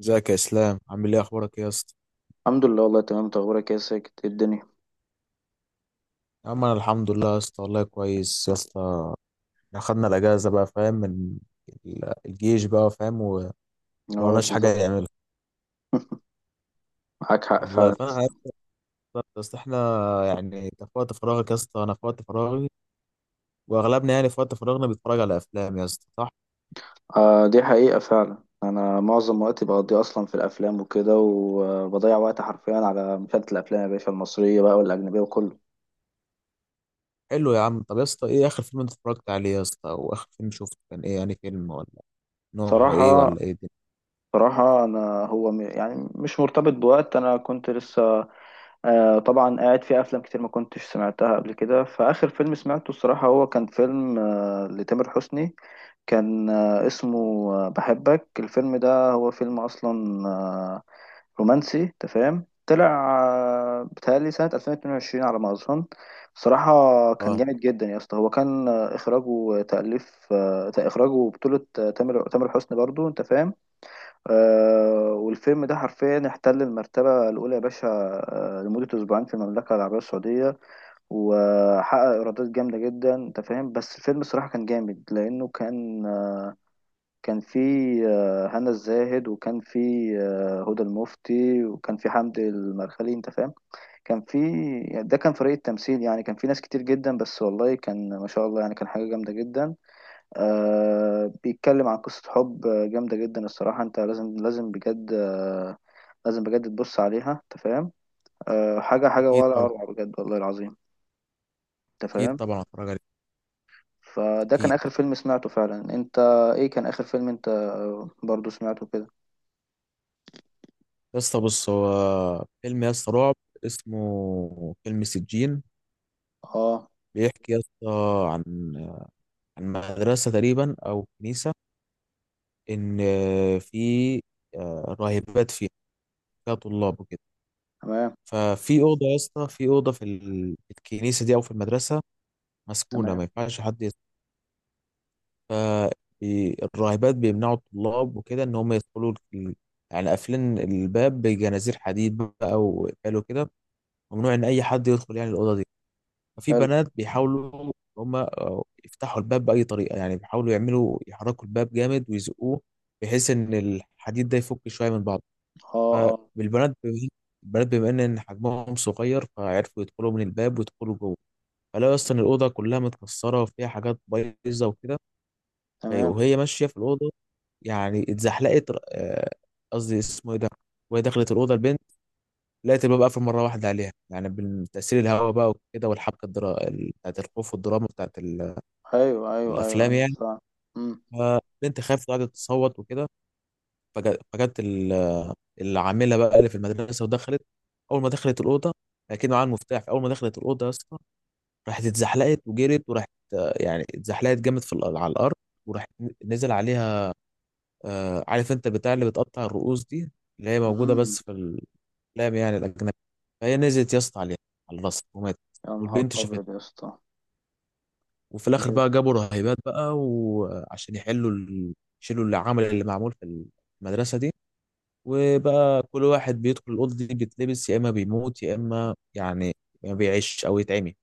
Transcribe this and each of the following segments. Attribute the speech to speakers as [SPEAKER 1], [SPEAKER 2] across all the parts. [SPEAKER 1] ازيك يا اسلام، عامل ايه؟ اخبارك ايه يا اسطى؟
[SPEAKER 2] الحمد لله، والله تمام. انت اخبارك ايه يا ساكت؟ ايه الدنيا؟
[SPEAKER 1] يا عم، انا الحمد لله يا اسطى، والله كويس يا اسطى. اخدنا الاجازه بقى، فاهم؟ من الجيش بقى فاهم،
[SPEAKER 2] اه،
[SPEAKER 1] ومعناش حاجه
[SPEAKER 2] بالظبط.
[SPEAKER 1] نعملها.
[SPEAKER 2] معاك حق فعلا
[SPEAKER 1] والله
[SPEAKER 2] يا
[SPEAKER 1] فانا عارف
[SPEAKER 2] اسطى.
[SPEAKER 1] يا اسطى، احنا يعني انت في وقت فراغك يا اسطى، انا في وقت فراغي، واغلبنا يعني في وقت فراغنا بيتفرج على افلام يا اسطى، صح؟
[SPEAKER 2] دي حقيقة فعلا، انا معظم وقتي بقضيه اصلا في الافلام وكده، وبضيع وقت حرفيا على مشاهدة الافلام يا باشا، المصرية بقى والاجنبية وكله.
[SPEAKER 1] حلو يا عم. طب يا اسطى، ايه اخر فيلم انت اتفرجت عليه يا اسطى؟ او اخر فيلم شفته كان ايه يعني؟ فيلم ولا نوعه ايه؟
[SPEAKER 2] صراحة
[SPEAKER 1] ولا ايه دي؟
[SPEAKER 2] صراحة انا هو يعني مش مرتبط بوقت. انا كنت لسه طبعا قاعد في افلام كتير ما كنتش سمعتها قبل كده. فاخر فيلم سمعته الصراحه هو كان فيلم لتامر حسني. كان اسمه بحبك. الفيلم ده هو فيلم اصلا رومانسي، أنت فاهم، طلع بتهيألي سنه 2022 على ما اظن. صراحه كان
[SPEAKER 1] اه،
[SPEAKER 2] جامد جدا يا اسطى. هو كان اخراجه وتاليف، اخراجه، بطوله تامر حسني برضو، انت فاهم. والفيلم ده حرفيا احتل المرتبة الأولى يا باشا، لمدة أسبوعين في المملكة العربية السعودية، وحقق إيرادات جامدة جدا، أنت فاهم. بس الفيلم الصراحة كان جامد لأنه كان فيه هنا الزاهد، وكان فيه هدى المفتي، وكان فيه حمدي المرخلي، أنت فاهم. كان فيه، يعني ده كان فريق التمثيل، يعني كان فيه ناس كتير جدا، بس والله كان ما شاء الله، يعني كان حاجة جامدة جدا. بيتكلم عن قصة حب، جامدة جدا الصراحة. أنت لازم لازم بجد، لازم بجد تبص عليها، انت فاهم. أه، حاجة حاجة
[SPEAKER 1] اكيد
[SPEAKER 2] ولا
[SPEAKER 1] طبعا،
[SPEAKER 2] أروع، بجد والله العظيم، انت
[SPEAKER 1] اكيد
[SPEAKER 2] فاهم.
[SPEAKER 1] طبعا اتفرج عليه.
[SPEAKER 2] فده كان
[SPEAKER 1] اكيد
[SPEAKER 2] آخر فيلم سمعته فعلا. انت ايه كان آخر فيلم انت برضو سمعته كده؟
[SPEAKER 1] يا اسطى. بص، هو فيلم يا اسطى رعب، اسمه فيلم سجين.
[SPEAKER 2] اه،
[SPEAKER 1] بيحكي يا اسطى عن عن مدرسة تقريبا أو كنيسة، إن في راهبات فيها، فيها طلاب وكده.
[SPEAKER 2] تمام.
[SPEAKER 1] ففي أوضة يا اسطى، في أوضة في في الكنيسة دي أو في المدرسة، مسكونة، ما
[SPEAKER 2] تمام.
[SPEAKER 1] ينفعش حد يدخل. فالراهبات بيمنعوا الطلاب وكده إن هم يدخلوا يعني قافلين الباب بجنازير حديد بقى، وقفلوا كده. ممنوع إن أي حد يدخل يعني الأوضة دي. ففي
[SPEAKER 2] حلو.
[SPEAKER 1] بنات بيحاولوا هم يفتحوا الباب بأي طريقة، يعني بيحاولوا يعملوا، يحركوا الباب جامد ويزقوه بحيث إن الحديد ده يفك شوية من بعضه.
[SPEAKER 2] اه، اه،
[SPEAKER 1] فالبنات بم- البنات بما إن حجمهم صغير، فعرفوا يدخلوا من الباب ويدخلوا جوه. فلاقوا أصلا الأوضة كلها متكسرة وفيها حاجات بايظة وكده.
[SPEAKER 2] تمام.
[SPEAKER 1] وهي ماشية في الأوضة، يعني اتزحلقت، قصدي اسمه إيه ده. وهي دخلت الأوضة البنت، لقيت الباب قافل مرة واحدة عليها يعني، من تأثير الهواء بقى وكده، والحبكة بتاعت الخوف والدراما بتاعت
[SPEAKER 2] ايوه، ايوه، ايوه،
[SPEAKER 1] الافلام
[SPEAKER 2] ايوه،
[SPEAKER 1] يعني.
[SPEAKER 2] فعلا. امم.
[SPEAKER 1] فبنت خافت وقعدت تصوت وكده. فجت العامله بقى اللي في المدرسه ودخلت. اول ما دخلت الاوضه، اكيد معاها المفتاح، اول ما دخلت الاوضه يا اسطى، راحت اتزحلقت وجرت وراحت. يعني اتزحلقت جامد في على الارض، وراحت نزل عليها. عارف انت البتاع اللي بتقطع الرؤوس دي، اللي هي موجوده
[SPEAKER 2] امم.
[SPEAKER 1] بس في الافلام يعني الاجنبي. فهي نزلت يا اسطى عليها على الرصيف وماتت،
[SPEAKER 2] يا نهار
[SPEAKER 1] والبنت
[SPEAKER 2] ابيض يا
[SPEAKER 1] شافتها.
[SPEAKER 2] اسطى،
[SPEAKER 1] وفي الاخر
[SPEAKER 2] بجد.
[SPEAKER 1] بقى جابوا رهيبات بقى، وعشان يحلوا يشيلوا العمل اللي معمول في المدرسه دي. وبقى كل واحد بيدخل الاوضه دي، بيتلبس يا اما بيموت، يا اما يعني ما بيعيش او يتعمي.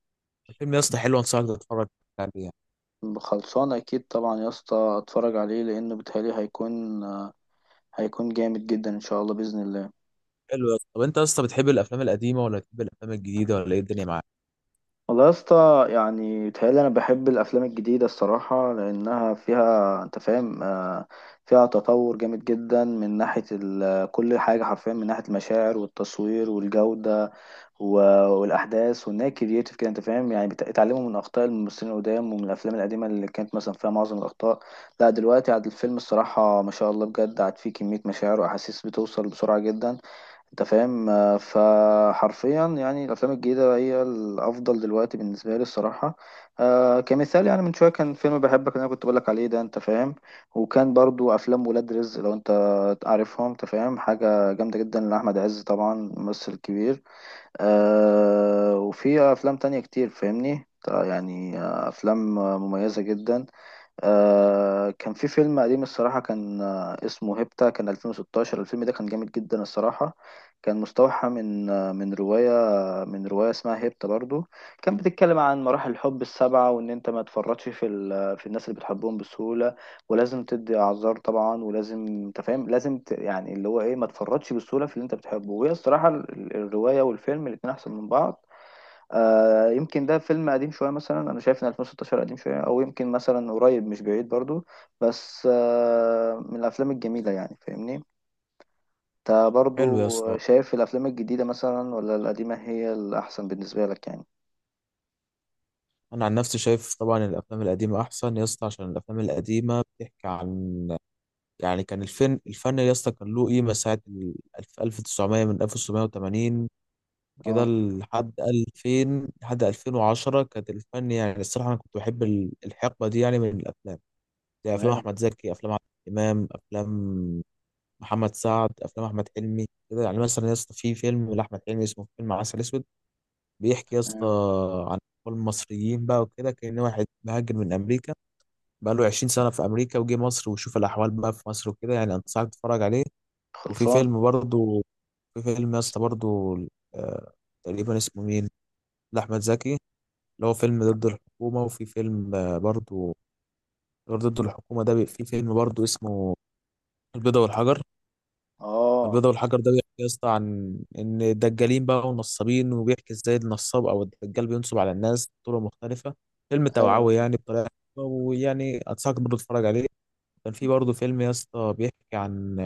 [SPEAKER 1] الفيلم يا اسطى حلو، انصحك تتفرج عليه يعني.
[SPEAKER 2] خلصان اكيد طبعا يا اسطى، اتفرج عليه لانه بيتهيألي هيكون جامد جدا ان شاء الله، باذن الله.
[SPEAKER 1] حلو يا اسطى. طب انت يا اسطى بتحب الافلام القديمه ولا بتحب الافلام الجديده ولا ايه الدنيا معاك؟
[SPEAKER 2] والله يا اسطى، يعني بيتهيألي أنا بحب الأفلام الجديدة الصراحة، لأنها فيها أنت فاهم، فيها تطور جامد جدا، من ناحية كل حاجة حرفيا، من ناحية المشاعر والتصوير والجودة و- والأحداث، وإن هي كرييتيف كده، أنت فاهم. يعني اتعلموا من أخطاء الممثلين القدام، ومن الأفلام القديمة اللي كانت مثلا فيها معظم الأخطاء. لا، دلوقتي عاد الفيلم الصراحة ما شاء الله بجد، عاد فيه كمية مشاعر وأحاسيس بتوصل بسرعة جدا، انت فاهم. فحرفيا يعني الافلام الجديده هي الافضل دلوقتي بالنسبه لي الصراحه. كمثال يعني، من شويه كان فيلم بحبك اللي انا كنت بقولك عليه ده، انت فاهم. وكان برضو افلام ولاد رزق لو انت عارفهم، انت فاهم، حاجه جامده جدا لاحمد عز، طبعا ممثل كبير. وفي افلام تانية كتير، فاهمني يعني، افلام مميزه جدا. كان في فيلم قديم الصراحة، كان اسمه هيبتا، كان 2016. الفيلم ده كان جامد جدا الصراحة، كان مستوحى من آه من رواية آه، من رواية اسمها هيبتا برضو. كان بتتكلم عن مراحل الحب السبعة، وإن أنت ما تفرطش في ال- آه، في الناس اللي بتحبهم بسهولة، ولازم تدي أعذار طبعا، ولازم أنت فاهم، لازم يعني اللي هو إيه، ما تفرطش بسهولة في اللي أنت بتحبه. وهي الصراحة الرواية والفيلم الاتنين أحسن من بعض. يمكن ده فيلم قديم شوية، مثلا أنا شايف إن 2016 قديم شوية، أو يمكن مثلا قريب مش بعيد برضو. بس من الأفلام الجميلة، يعني فاهمني أنت برضو.
[SPEAKER 1] حلو يا اسطى.
[SPEAKER 2] شايف الأفلام الجديدة مثلا ولا القديمة هي الأحسن بالنسبة لك يعني؟
[SPEAKER 1] انا عن نفسي شايف طبعا الافلام القديمه احسن يا اسطى، عشان الافلام القديمه بتحكي عن، يعني كان الفن، الفن يا اسطى كان له قيمه ساعه 1900، من 1980 كده
[SPEAKER 2] اه،
[SPEAKER 1] لحد 2000 لحد 2010 كانت الفن يعني. الصراحة أنا كنت بحب الحقبة دي يعني من الأفلام، زي أفلام
[SPEAKER 2] تمام.
[SPEAKER 1] أحمد زكي، أفلام عادل إمام، أفلام محمد سعد، أفلام أحمد حلمي كده. يعني مثلا يا اسطى، في فيلم لأحمد حلمي اسمه فيلم عسل أسود، بيحكي يا اسطى
[SPEAKER 2] تمام.
[SPEAKER 1] عن أطفال مصريين بقى وكده، كأن واحد مهاجر من أمريكا بقى له 20 سنة في أمريكا، وجه مصر وشوف الأحوال بقى في مصر وكده، يعني أنصحك تتفرج عليه. وفي
[SPEAKER 2] خلصان؟
[SPEAKER 1] فيلم برضه، في فيلم يا اسطى برضه، آه، تقريبا اسمه مين، لأحمد زكي، اللي هو فيلم ضد الحكومة. وفي فيلم برضو، غير ضد الحكومة ده، في فيلم برضو اسمه البيضة والحجر.
[SPEAKER 2] آه،
[SPEAKER 1] البيضة والحجر ده بيحكي يا اسطى عن إن الدجالين بقى والنصابين، وبيحكي إزاي النصاب أو الدجال بينصب على الناس بطرق مختلفة. فيلم
[SPEAKER 2] أيوه.
[SPEAKER 1] توعوي يعني، بطريقة حلوة، ويعني أنصحك برضو تتفرج عليه. كان في برضه فيلم يا اسطى بيحكي عن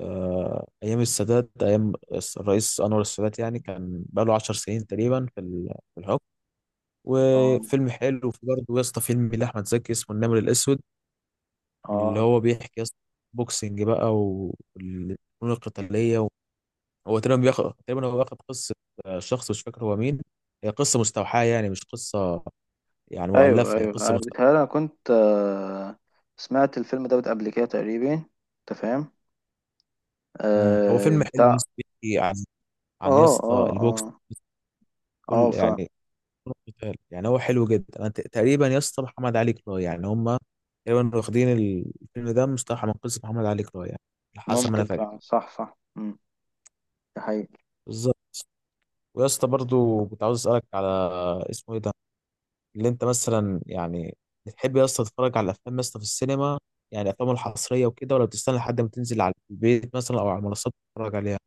[SPEAKER 1] أيام السادات، أيام الرئيس أنور السادات، يعني كان بقاله 10 سنين تقريبا في في الحكم.
[SPEAKER 2] آه،
[SPEAKER 1] وفيلم حلو في برضه يا اسطى، فيلم لاحمد زكي اسمه النمر الاسود، اللي
[SPEAKER 2] آه، مم.
[SPEAKER 1] هو بيحكي يا اسطى بوكسنج بقى والفنون القتاليه هو تقريبا بياخد، تقريبا هو واخد قصه، شخص مش فاكر هو مين. هي قصه مستوحاه يعني، مش قصه يعني
[SPEAKER 2] أيوه،
[SPEAKER 1] مؤلفه، هي
[SPEAKER 2] أيوه،
[SPEAKER 1] قصه
[SPEAKER 2] أنا
[SPEAKER 1] مستوحاه.
[SPEAKER 2] بيتهيألي أنا كنت آه سمعت الفيلم دوت قبل كده تقريبا، أنت فاهم؟
[SPEAKER 1] مم. هو فيلم حلو يا
[SPEAKER 2] بتاع.
[SPEAKER 1] اسطى، بيحكي عن، يا
[SPEAKER 2] آه،
[SPEAKER 1] اسطى
[SPEAKER 2] آه،
[SPEAKER 1] البوكس،
[SPEAKER 2] آه، آه.
[SPEAKER 1] كل يعني فنون القتال. يعني هو حلو جدا. انا تقريبا يا اسطى محمد علي كلاي يعني، هم تقريبا واخدين الفيلم ده مستوحى من قصه محمد علي كلاي يعني، على حسب ما انا
[SPEAKER 2] ممكن
[SPEAKER 1] فاكر.
[SPEAKER 2] فعلا، صح، صح، امم، ده حقيقي.
[SPEAKER 1] بالظبط. ويا اسطى برضه كنت عاوز اسالك على، اسمه ايه ده، اللي انت مثلا يعني بتحب يا اسطى تتفرج على الافلام يا اسطى في السينما، يعني الافلام الحصريه وكده، ولا بتستنى لحد ما تنزل على البيت مثلا او على المنصات تتفرج عليها؟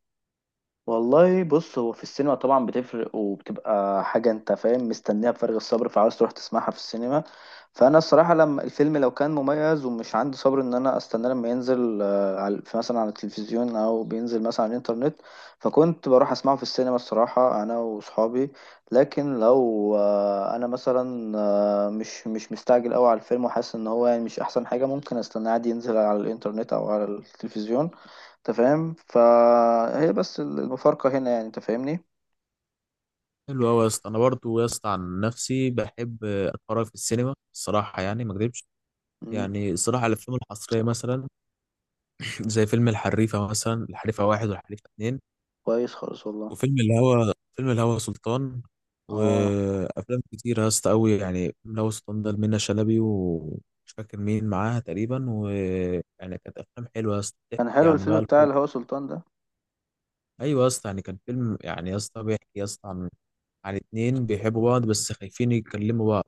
[SPEAKER 2] والله بص، هو في السينما طبعا بتفرق وبتبقى حاجة انت فاهم مستنيها بفارغ الصبر، فعاوز تروح تسمعها في السينما. فانا الصراحة لما الفيلم لو كان مميز، ومش عندي صبر ان انا استناه لما ينزل على في مثلا على التلفزيون او بينزل مثلا على الانترنت، فكنت بروح اسمعه في السينما الصراحة انا وصحابي. لكن لو انا مثلا مش مستعجل قوي على الفيلم، وحاسس ان هو يعني مش احسن حاجة، ممكن استناه عادي ينزل على الانترنت او على التلفزيون، انت فاهم. فهي بس المفارقة هنا يعني، انت فاهمني.
[SPEAKER 1] حلو قوي يا اسطى. انا برضه يا اسطى عن نفسي بحب اتفرج في السينما الصراحه، يعني ما اكذبش.
[SPEAKER 2] مم.
[SPEAKER 1] يعني الصراحه الافلام الحصريه مثلا، زي فيلم الحريفه مثلا، الحريفه واحد والحريفه اتنين،
[SPEAKER 2] كويس خالص والله.
[SPEAKER 1] وفيلم الهوى سلطان،
[SPEAKER 2] اه،
[SPEAKER 1] وافلام كتير يا اسطى قوي. يعني فيلم الهوى سلطان ده منة شلبي ومش فاكر مين معاها تقريبا، ويعني كانت افلام حلوه يا اسطى
[SPEAKER 2] كان
[SPEAKER 1] بتحكي
[SPEAKER 2] حلو
[SPEAKER 1] عن
[SPEAKER 2] الفيلم
[SPEAKER 1] بقى
[SPEAKER 2] بتاع
[SPEAKER 1] الحب.
[SPEAKER 2] الهوى سلطان ده.
[SPEAKER 1] ايوه يا اسطى، يعني كان فيلم يعني يا اسطى بيحكي يا اسطى عن اتنين بيحبوا بعض، بس خايفين يتكلموا بعض،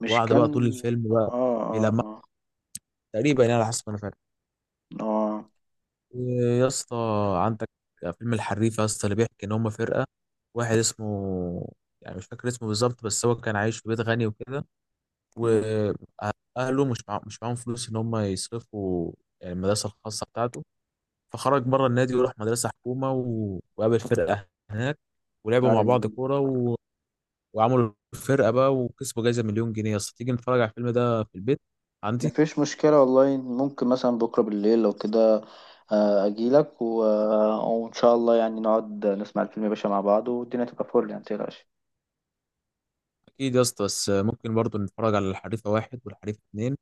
[SPEAKER 2] مش
[SPEAKER 1] بعض
[SPEAKER 2] كان.
[SPEAKER 1] بقى طول الفيلم بقى
[SPEAKER 2] اه، اه،
[SPEAKER 1] بيلمح
[SPEAKER 2] اه،
[SPEAKER 1] تقريبا يعني على حسب ما انا فاهم.
[SPEAKER 2] اه،
[SPEAKER 1] يا اسطى عندك فيلم الحريف يا اسطى، اللي بيحكي ان هم فرقه. واحد اسمه، يعني مش فاكر اسمه بالظبط، بس هو كان عايش في بيت غني وكده،
[SPEAKER 2] مم.
[SPEAKER 1] واهله مش معاهم فلوس ان هم يصرفوا يعني المدرسه الخاصه بتاعته. فخرج بره النادي، وراح مدرسه حكومه وقابل فرقه هناك، ولعبوا مع بعض
[SPEAKER 2] طيب.
[SPEAKER 1] كوره وعملوا فرقه بقى وكسبوا جايزه مليون جنيه. يا اسطى تيجي نتفرج على الفيلم ده في البيت عندي؟
[SPEAKER 2] مفيش مشكلة والله. ممكن مثلا بكرة بالليل لو كده، اجيلك و... وان شاء الله يعني نقعد نسمع الفيلم يا باشا مع بعض، والدنيا تبقى فل يعني، متقلقش.
[SPEAKER 1] اكيد يا اسطى. بس ممكن برضه نتفرج على الحريفه واحد والحريفه اتنين،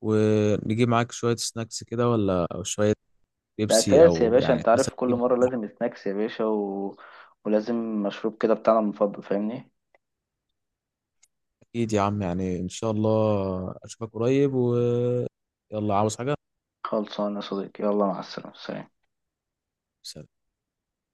[SPEAKER 1] ونجيب معاك شوية سناكس كده ولا، أو شوية
[SPEAKER 2] ده
[SPEAKER 1] بيبسي،
[SPEAKER 2] اساس يا
[SPEAKER 1] أو
[SPEAKER 2] باشا،
[SPEAKER 1] يعني
[SPEAKER 2] انت عارف
[SPEAKER 1] مثلا
[SPEAKER 2] كل
[SPEAKER 1] نجيب.
[SPEAKER 2] مرة لازم سناكس يا باشا و... ولازم مشروب كده بتاعنا المفضل، فاهمني.
[SPEAKER 1] أكيد يا عم، يعني إن شاء الله أشوفك قريب. ويلا، عاوز حاجة؟
[SPEAKER 2] خلصانة يا صديقي، يلا مع السلامة، سلام.
[SPEAKER 1] سلام.